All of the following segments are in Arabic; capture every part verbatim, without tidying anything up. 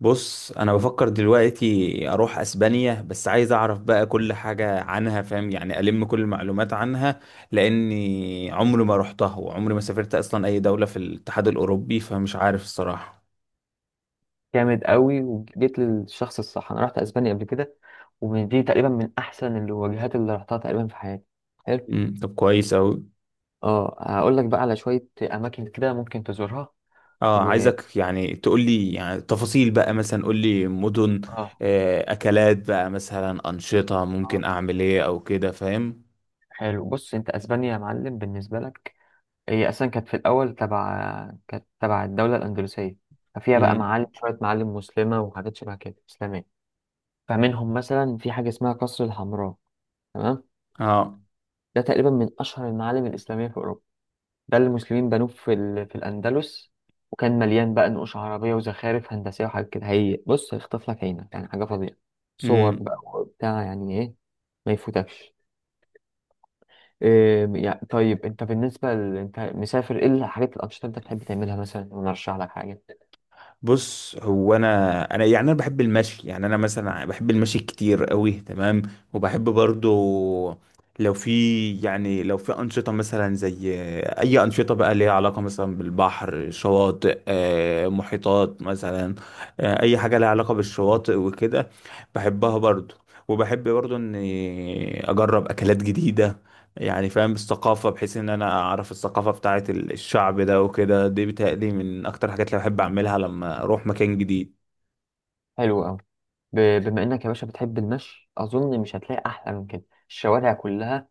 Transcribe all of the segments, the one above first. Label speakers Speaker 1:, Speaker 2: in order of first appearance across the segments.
Speaker 1: بص، انا بفكر دلوقتي اروح اسبانيا، بس عايز اعرف بقى كل حاجة عنها، فاهم يعني، الم كل المعلومات عنها. لاني عمري ما رحتها وعمري ما سافرت اصلا اي دولة في الاتحاد الاوروبي، فمش عارف الصراحة.
Speaker 2: جامد قوي، وجيت للشخص الصح. انا رحت اسبانيا قبل كده، ومن دي تقريبا من احسن الوجهات اللي رحتها تقريبا في حياتي. حلو.
Speaker 1: امم طب كويس اوي.
Speaker 2: اه هقول لك بقى على شويه اماكن كده ممكن تزورها.
Speaker 1: اه،
Speaker 2: و
Speaker 1: عايزك يعني تقول لي، يعني تفاصيل بقى، مثلا قول لي مدن.
Speaker 2: اه
Speaker 1: آه، اكلات بقى مثلا، انشطة ممكن
Speaker 2: آه.
Speaker 1: اعمل ايه او كده، فاهم.
Speaker 2: حلو، بص انت اسبانيا يا معلم بالنسبه لك، هي اصلا كانت في الاول تبع كانت تبع الدوله الاندلسيه. ففيها بقى
Speaker 1: امم.
Speaker 2: معالم شويه معالم مسلمه وحاجات شبه كده اسلاميه. فمنهم مثلا في حاجه اسمها قصر الحمراء. تمام.
Speaker 1: اه.
Speaker 2: ده تقريبا من اشهر المعالم الاسلاميه في اوروبا، ده اللي المسلمين بنوه في ال... في الأندلس. وكان مليان بقى نقوش عربية وزخارف هندسية وحاجات كده. هي بص هيخطف لك عينك، يعني حاجة فظيعة. صور بقى
Speaker 1: امم.
Speaker 2: وبتاع، يعني إيه. ما يفوتكش. إيه يعني، طيب أنت بالنسبة ل... أنت مسافر إيه؟ الحاجات الأنشطة اللي أنت بتحب تعملها مثلا ونرشح لك حاجة.
Speaker 1: بص، هو انا انا يعني انا بحب المشي، يعني انا مثلا بحب المشي كتير قوي، تمام. وبحب برضو لو في يعني لو في انشطه مثلا، زي اي انشطه بقى ليها علاقه مثلا بالبحر، شواطئ، آه، محيطات مثلا، آه، اي حاجه ليها علاقه بالشواطئ وكده، بحبها برضو. وبحب برضو اني اجرب اكلات جديده، يعني فاهم الثقافة، بحيث ان انا اعرف الثقافة بتاعة ال- الشعب ده وكده، دي بتهيألي من اكتر الحاجات اللي بحب اعملها لما اروح مكان جديد.
Speaker 2: حلو أوي. ب... بما إنك يا باشا بتحب المشي، أظن مش هتلاقي أحلى من كده. الشوارع كلها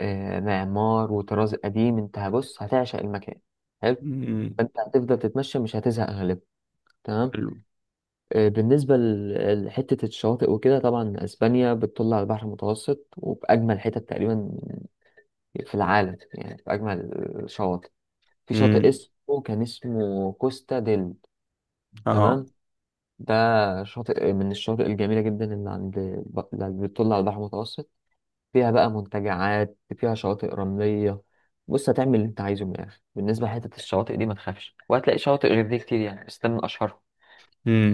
Speaker 2: إيه، معمار وطراز قديم. أنت بص هتعشق المكان. حلو.
Speaker 1: امم.
Speaker 2: فأنت هتفضل تتمشى مش هتزهق غالبا. تمام.
Speaker 1: حلو.
Speaker 2: آه، بالنسبة ل- لحتة الشواطئ وكده، طبعا أسبانيا بتطل على البحر المتوسط وبأجمل حتت تقريبا في العالم، يعني بأجمل الشواطئ. في شاطئ
Speaker 1: امم.
Speaker 2: اسمه كان اسمه كوستا ديل.
Speaker 1: اه.
Speaker 2: تمام. ده شاطئ من الشواطئ الجميلة جدا اللي عند، اللي بتطل على البحر المتوسط. فيها بقى منتجعات، فيها شواطئ رملية. بص هتعمل اللي أنت عايزه من الآخر. بالنسبة لحتة الشواطئ دي ما تخافش، وهتلاقي شواطئ غير دي كتير يعني، بس ده من أشهرهم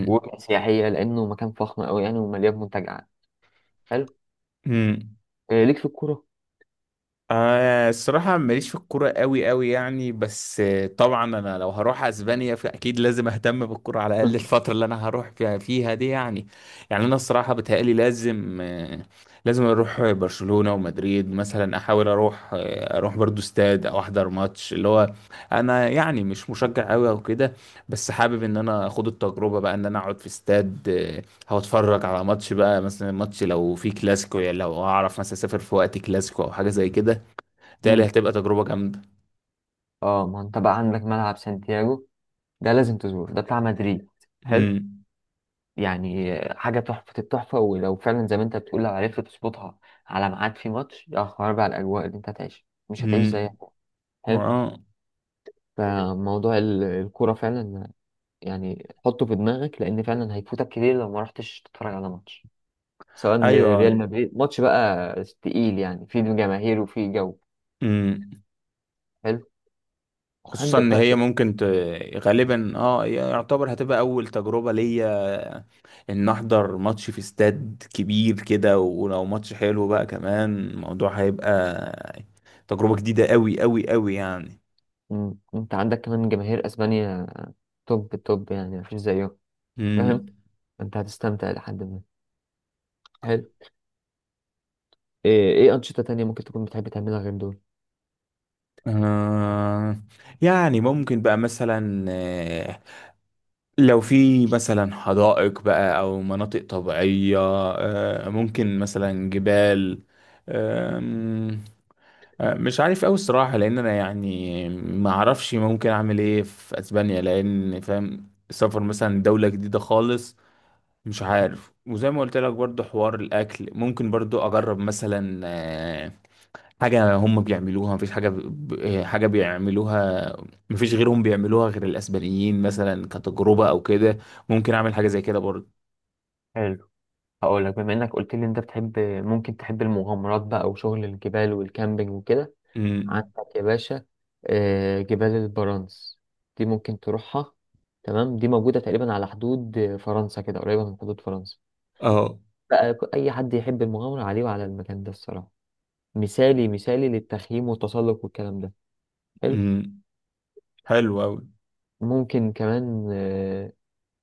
Speaker 2: وسياحية لأنه مكان فخم أوي يعني ومليان منتجعات. حلو.
Speaker 1: امم.
Speaker 2: إيه ليك في الكورة؟
Speaker 1: آه، الصراحة ماليش في الكورة قوي قوي يعني، بس آه، طبعا أنا لو هروح أسبانيا فأكيد لازم أهتم بالكورة على الأقل الفترة اللي أنا هروح فيها, فيها دي يعني. يعني أنا الصراحة بتهيألي لازم آه لازم أروح برشلونة ومدريد، مثلا أحاول أروح آه أروح برضو استاد أو أحضر ماتش، اللي هو أنا يعني مش مشجع قوي أو كده، بس حابب إن أنا أخد التجربة بقى، إن أنا أقعد في استاد آه هو اتفرج على ماتش بقى، مثلا ماتش لو في كلاسيكو، يعني لو أعرف مثلا أسافر في وقت كلاسيكو أو حاجة زي كده، بالتالي
Speaker 2: مم.
Speaker 1: هتبقى تجربة جامدة.
Speaker 2: اه ما انت بقى عندك ملعب سانتياغو، ده لازم تزوره، ده بتاع مدريد. حلو،
Speaker 1: امم.
Speaker 2: يعني حاجة تحفة التحفة. ولو فعلا زي ما انت بتقول لو عرفت تظبطها على ميعاد في ماتش، يا خرابي بقى على الأجواء اللي انت هتعيشها، مش هتعيش
Speaker 1: امم.
Speaker 2: زيها. حلو.
Speaker 1: اه.
Speaker 2: فموضوع ال- الكورة فعلا يعني حطه في دماغك، لأن فعلا هيفوتك كتير لو ما رحتش تتفرج على ماتش، سواء
Speaker 1: ايوه.
Speaker 2: لريال مدريد. ماتش بقى تقيل يعني، فيه جماهير وفيه جو.
Speaker 1: امم.
Speaker 2: حلو.
Speaker 1: خصوصا
Speaker 2: عندك
Speaker 1: ان
Speaker 2: بقى.
Speaker 1: هي ممكن ت... غالبا اه يعتبر هتبقى اول تجربة ليا، ان احضر ماتش في استاد كبير كده، ولو ماتش حلو بقى كمان الموضوع هيبقى تجربة جديدة قوي قوي قوي يعني.
Speaker 2: مم. انت عندك كمان جماهير اسبانيا توب التوب يعني، مفيش زيهم. فاهم،
Speaker 1: امم.
Speaker 2: انت هتستمتع لحد ما. حلو. ايه ايه انشطة تانية ممكن تكون بتحب تعملها غير دول؟
Speaker 1: آه يعني ممكن بقى مثلا، لو في مثلا حدائق بقى او مناطق طبيعية، آه، ممكن مثلا جبال، آم، آه، مش عارف اوي الصراحة، لان انا يعني ما اعرفش ممكن اعمل ايه في اسبانيا، لان فاهم السفر مثلا دولة جديدة خالص، مش عارف. وزي ما قلت لك برضو حوار الاكل، ممكن برضو اجرب مثلا آه، حاجة هم بيعملوها، مفيش حاجة ب... ب- حاجة بيعملوها، مفيش غيرهم بيعملوها غير الأسبانيين مثلا، كتجربة أو كده، ممكن أعمل حاجة زي كده برضه.
Speaker 2: حلو. هقول لك، بما انك قلت لي انت بتحب ممكن تحب المغامرات بقى وشغل الجبال والكامبينج وكده.
Speaker 1: أمم.
Speaker 2: عندك يا باشا آه، جبال البرانس، دي ممكن تروحها. تمام، دي موجودة تقريبا على حدود آه، فرنسا، كده قريبة من حدود فرنسا
Speaker 1: اه.
Speaker 2: بقى. ك- اي حد يحب المغامرة عليه وعلى المكان ده الصراحة. مثالي مثالي للتخييم والتسلق والكلام ده. حلو.
Speaker 1: أمم. حلو أوي.
Speaker 2: ممكن كمان آه،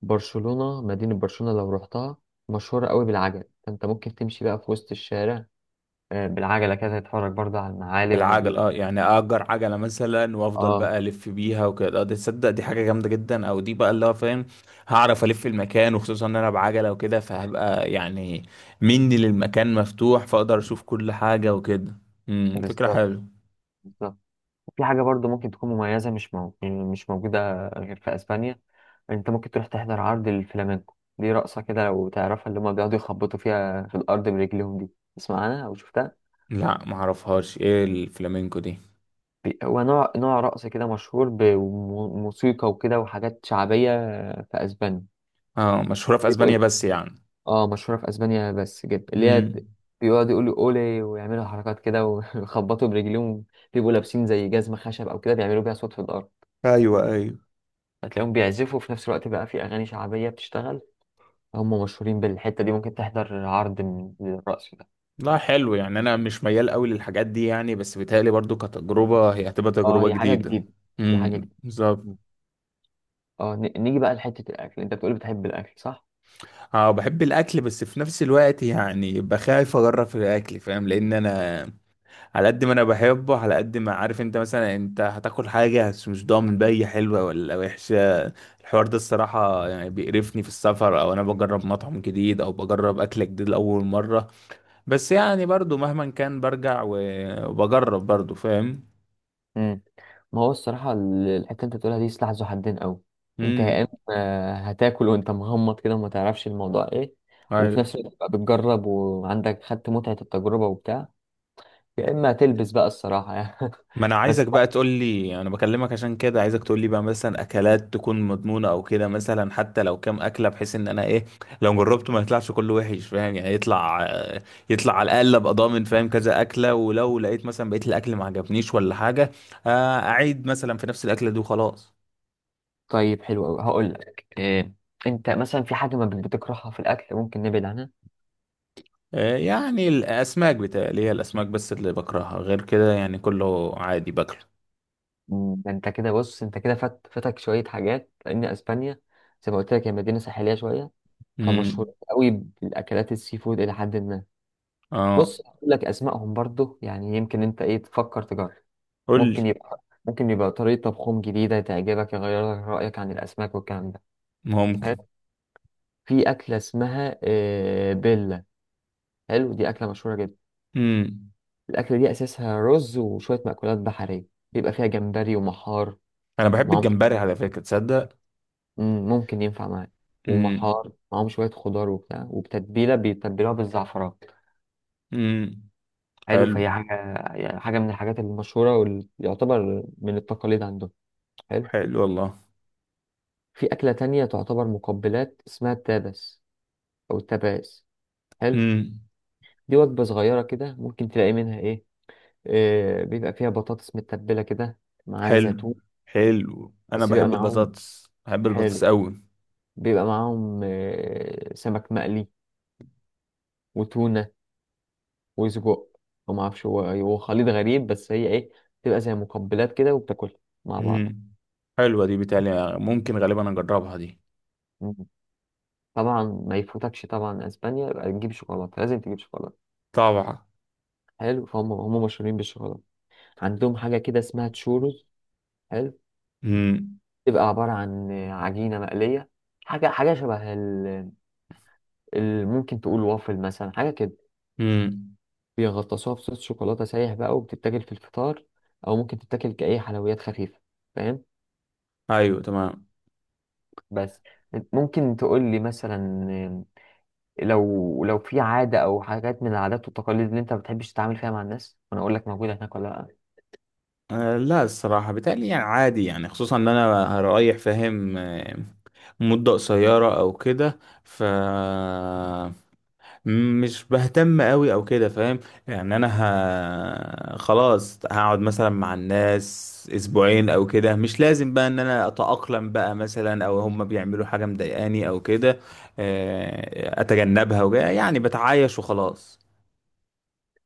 Speaker 2: برشلونة. مدينة برشلونة لو رحتها مشهورة قوي بالعجل، فانت ممكن تمشي بقى في وسط الشارع آه، بالعجلة كده، تتفرج برضه على المعالم
Speaker 1: بالعجل،
Speaker 2: وال...
Speaker 1: اه، يعني أجر عجلة مثلا وأفضل
Speaker 2: اه
Speaker 1: بقى ألف بيها وكده، آه، دي تصدق دي حاجة جامدة جدا، أو دي بقى اللي هو فاهم هعرف ألف المكان، وخصوصا إن أنا بعجلة وكده فهبقى يعني مني للمكان مفتوح، فأقدر أشوف كل حاجة وكده. أمم، فكرة
Speaker 2: بالظبط،
Speaker 1: حلوة.
Speaker 2: بالظبط. في حاجة برضه ممكن تكون مميزة، مش مو... يعني مش موجودة غير في اسبانيا. انت ممكن تروح تحضر عرض الفلامينكو، دي رقصة كده لو تعرفها اللي هما بيقعدوا يخبطوا فيها في الأرض برجليهم دي. تسمع عنها أو شفتها؟
Speaker 1: لا، معرفهاش ايه الفلامينكو دي.
Speaker 2: بي- هو نوع نوع رقص كده مشهور بموسيقى وكده وحاجات شعبية آه، في أسبانيا.
Speaker 1: اه، مشهورة في اسبانيا
Speaker 2: يقول.
Speaker 1: بس يعني.
Speaker 2: اه مشهورة في اسبانيا بس جدا، اللي هي
Speaker 1: امم.
Speaker 2: بيقعدوا يقولوا اولي ويعملوا حركات كده ويخبطوا برجليهم. بيبقوا لابسين زي جزمة خشب او كده، بيعملوا بيها صوت في الارض.
Speaker 1: ايوه، ايوه.
Speaker 2: هتلاقيهم بيعزفوا في نفس الوقت بقى، في اغاني شعبية بتشتغل. هم مشهورين بالحتة دي، ممكن تحضر عرض من الرقص ده.
Speaker 1: لا، حلو يعني انا مش ميال قوي للحاجات دي يعني، بس بيتهيألي برضو كتجربة هي هتبقى
Speaker 2: اه
Speaker 1: تجربة
Speaker 2: هي حاجة
Speaker 1: جديدة.
Speaker 2: جديدة. دي حاجة
Speaker 1: امم،
Speaker 2: جديدة.
Speaker 1: بالظبط.
Speaker 2: اه ن- نيجي بقى لحتة الاكل. انت بتقول بتحب الاكل، صح؟
Speaker 1: اه، بحب الاكل، بس في نفس الوقت يعني بخاف اجرب في الاكل فاهم، لان انا على قد ما انا بحبه على قد ما عارف انت مثلا انت هتاكل حاجه، بس مش ضامن بقى هي حلوه ولا وحشه. الحوار ده الصراحه يعني بيقرفني في السفر، او انا بجرب مطعم جديد او بجرب اكل جديد لاول مره. بس يعني برضو مهما كان برجع و- وبجرب برضو، فاهم.
Speaker 2: مم. ما هو الصراحة ال- الحتة اللي انت بتقولها دي سلاح ذو حدين قوي. انت يا اما
Speaker 1: امم.
Speaker 2: آه، هتاكل وانت مغمض كده وما تعرفش الموضوع ايه، وفي
Speaker 1: أيوه.
Speaker 2: نفس الوقت بقى بتجرب وعندك خدت متعة التجربة وبتاع. يا اما هتلبس بقى الصراحة يعني
Speaker 1: ما انا عايزك
Speaker 2: بس.
Speaker 1: بقى تقول لي، انا بكلمك عشان كده عايزك تقول لي بقى مثلا اكلات تكون مضمونة او كده، مثلا حتى لو كام اكلة، بحيث ان انا ايه لو جربته ما يطلعش كله وحش، فاهم، يعني يطلع يطلع على الاقل ابقى ضامن فاهم كذا اكلة. ولو لقيت مثلا بقيت الاكل ما عجبنيش ولا حاجة، آه، اعيد مثلا في نفس الاكلة دي وخلاص.
Speaker 2: طيب حلو قوي، هقول لك إيه. انت مثلا في حاجة ما بت- بتكرهها في الاكل ممكن نبعد عنها؟
Speaker 1: آه، يعني الاسماك بتاعي، هي الاسماك بس اللي بكرهها، غير كده يعني كله عادي باكله.
Speaker 2: مم، ده انت كده بص. انت كده فات فاتك شوية حاجات لان اسبانيا زي ما قلت لك هي مدينة ساحلية شوية،
Speaker 1: امم.
Speaker 2: فمشهور قوي بالاكلات السي فود الى حد ما.
Speaker 1: اه.
Speaker 2: بص هقول لك اسمائهم برضو، يعني يمكن انت ايه تفكر تجرب.
Speaker 1: قول
Speaker 2: ممكن
Speaker 1: لي.
Speaker 2: يبقى ممكن يبقى طريقه طبخهم جديده تعجبك، يغير لك رايك عن الاسماك والكلام ده. حلو.
Speaker 1: ممكن.
Speaker 2: في اكله اسمها آه، بيلا. حلو، دي اكله مشهوره جدا.
Speaker 1: امم.
Speaker 2: الاكله دي اساسها رز وشويه مأكولات بحريه، بيبقى فيها جمبري ومحار
Speaker 1: انا بحب
Speaker 2: معاهم.
Speaker 1: الجمبري على فكرة، تصدق.
Speaker 2: مم، ممكن ينفع معاك.
Speaker 1: مم.
Speaker 2: ومحار معاهم شويه خضار وبتاع، وبتتبيله بيتبلوها بالزعفران.
Speaker 1: امم.
Speaker 2: حلو،
Speaker 1: حلو.
Speaker 2: فهي حاجه، يعني حاجه من الحاجات المشهوره واللي يعتبر من التقاليد عندهم. حلو.
Speaker 1: حلو والله.
Speaker 2: في أكلة تانية تعتبر مقبلات اسمها التابس أو التباس. حلو،
Speaker 1: امم.
Speaker 2: دي وجبة صغيرة كده ممكن تلاقي منها إيه. آه بيبقى فيها بطاطس متبلة كده معاها
Speaker 1: حلو.
Speaker 2: زيتون.
Speaker 1: حلو، انا
Speaker 2: بس بيبقى
Speaker 1: بحب
Speaker 2: معاهم.
Speaker 1: البطاطس، بحب البطاطس
Speaker 2: حلو.
Speaker 1: قوي.
Speaker 2: بيبقى معاهم آه سمك مقلي وتونة وسجق. وما أعرفش، هو هو خليط غريب بس هي إيه، بتبقى زي مقبلات كده وبتاكلها مع بعض.
Speaker 1: امم. حلوه دي بتالي ممكن غالبا اجربها دي.
Speaker 2: مم. طبعا ما يفوتكش، طبعا اسبانيا يبقى تجيب شوكولاته، لازم تجيب شوكولاته.
Speaker 1: طبعا.
Speaker 2: حلو، فهم هم مشهورين بالشوكولاته. عندهم حاجه كده اسمها تشورز. حلو،
Speaker 1: امم.
Speaker 2: تبقى عبارة عن عجينة مقلية. حاجة حاجة شبه ال... ال... ممكن تقول وافل مثلا، حاجة كده.
Speaker 1: امم.
Speaker 2: بيغطسوها بصوص شوكولاتة سايح بقى، وبتتاكل في الفطار، أو ممكن تتاكل كأي حلويات خفيفة. فاهم.
Speaker 1: ايوه، تمام.
Speaker 2: بس. ممكن تقول لي مثلا لو لو في عادة أو حاجات من العادات والتقاليد اللي أنت ما بتحبش تتعامل فيها مع الناس، وأنا أقول لك موجودة هناك ولا لأ؟
Speaker 1: آه لا، الصراحه بتالي يعني عادي يعني، خصوصا ان انا هرايح فاهم، آه، مده قصيره او كده، ف مش بهتم قوي او كده، فاهم. يعني انا ه... خلاص هقعد مثلا مع الناس اسبوعين او كده، مش لازم بقى ان انا اتأقلم بقى مثلا، او هم بيعملوا حاجة مضايقاني او كده، آه، اتجنبها وجا يعني بتعايش وخلاص.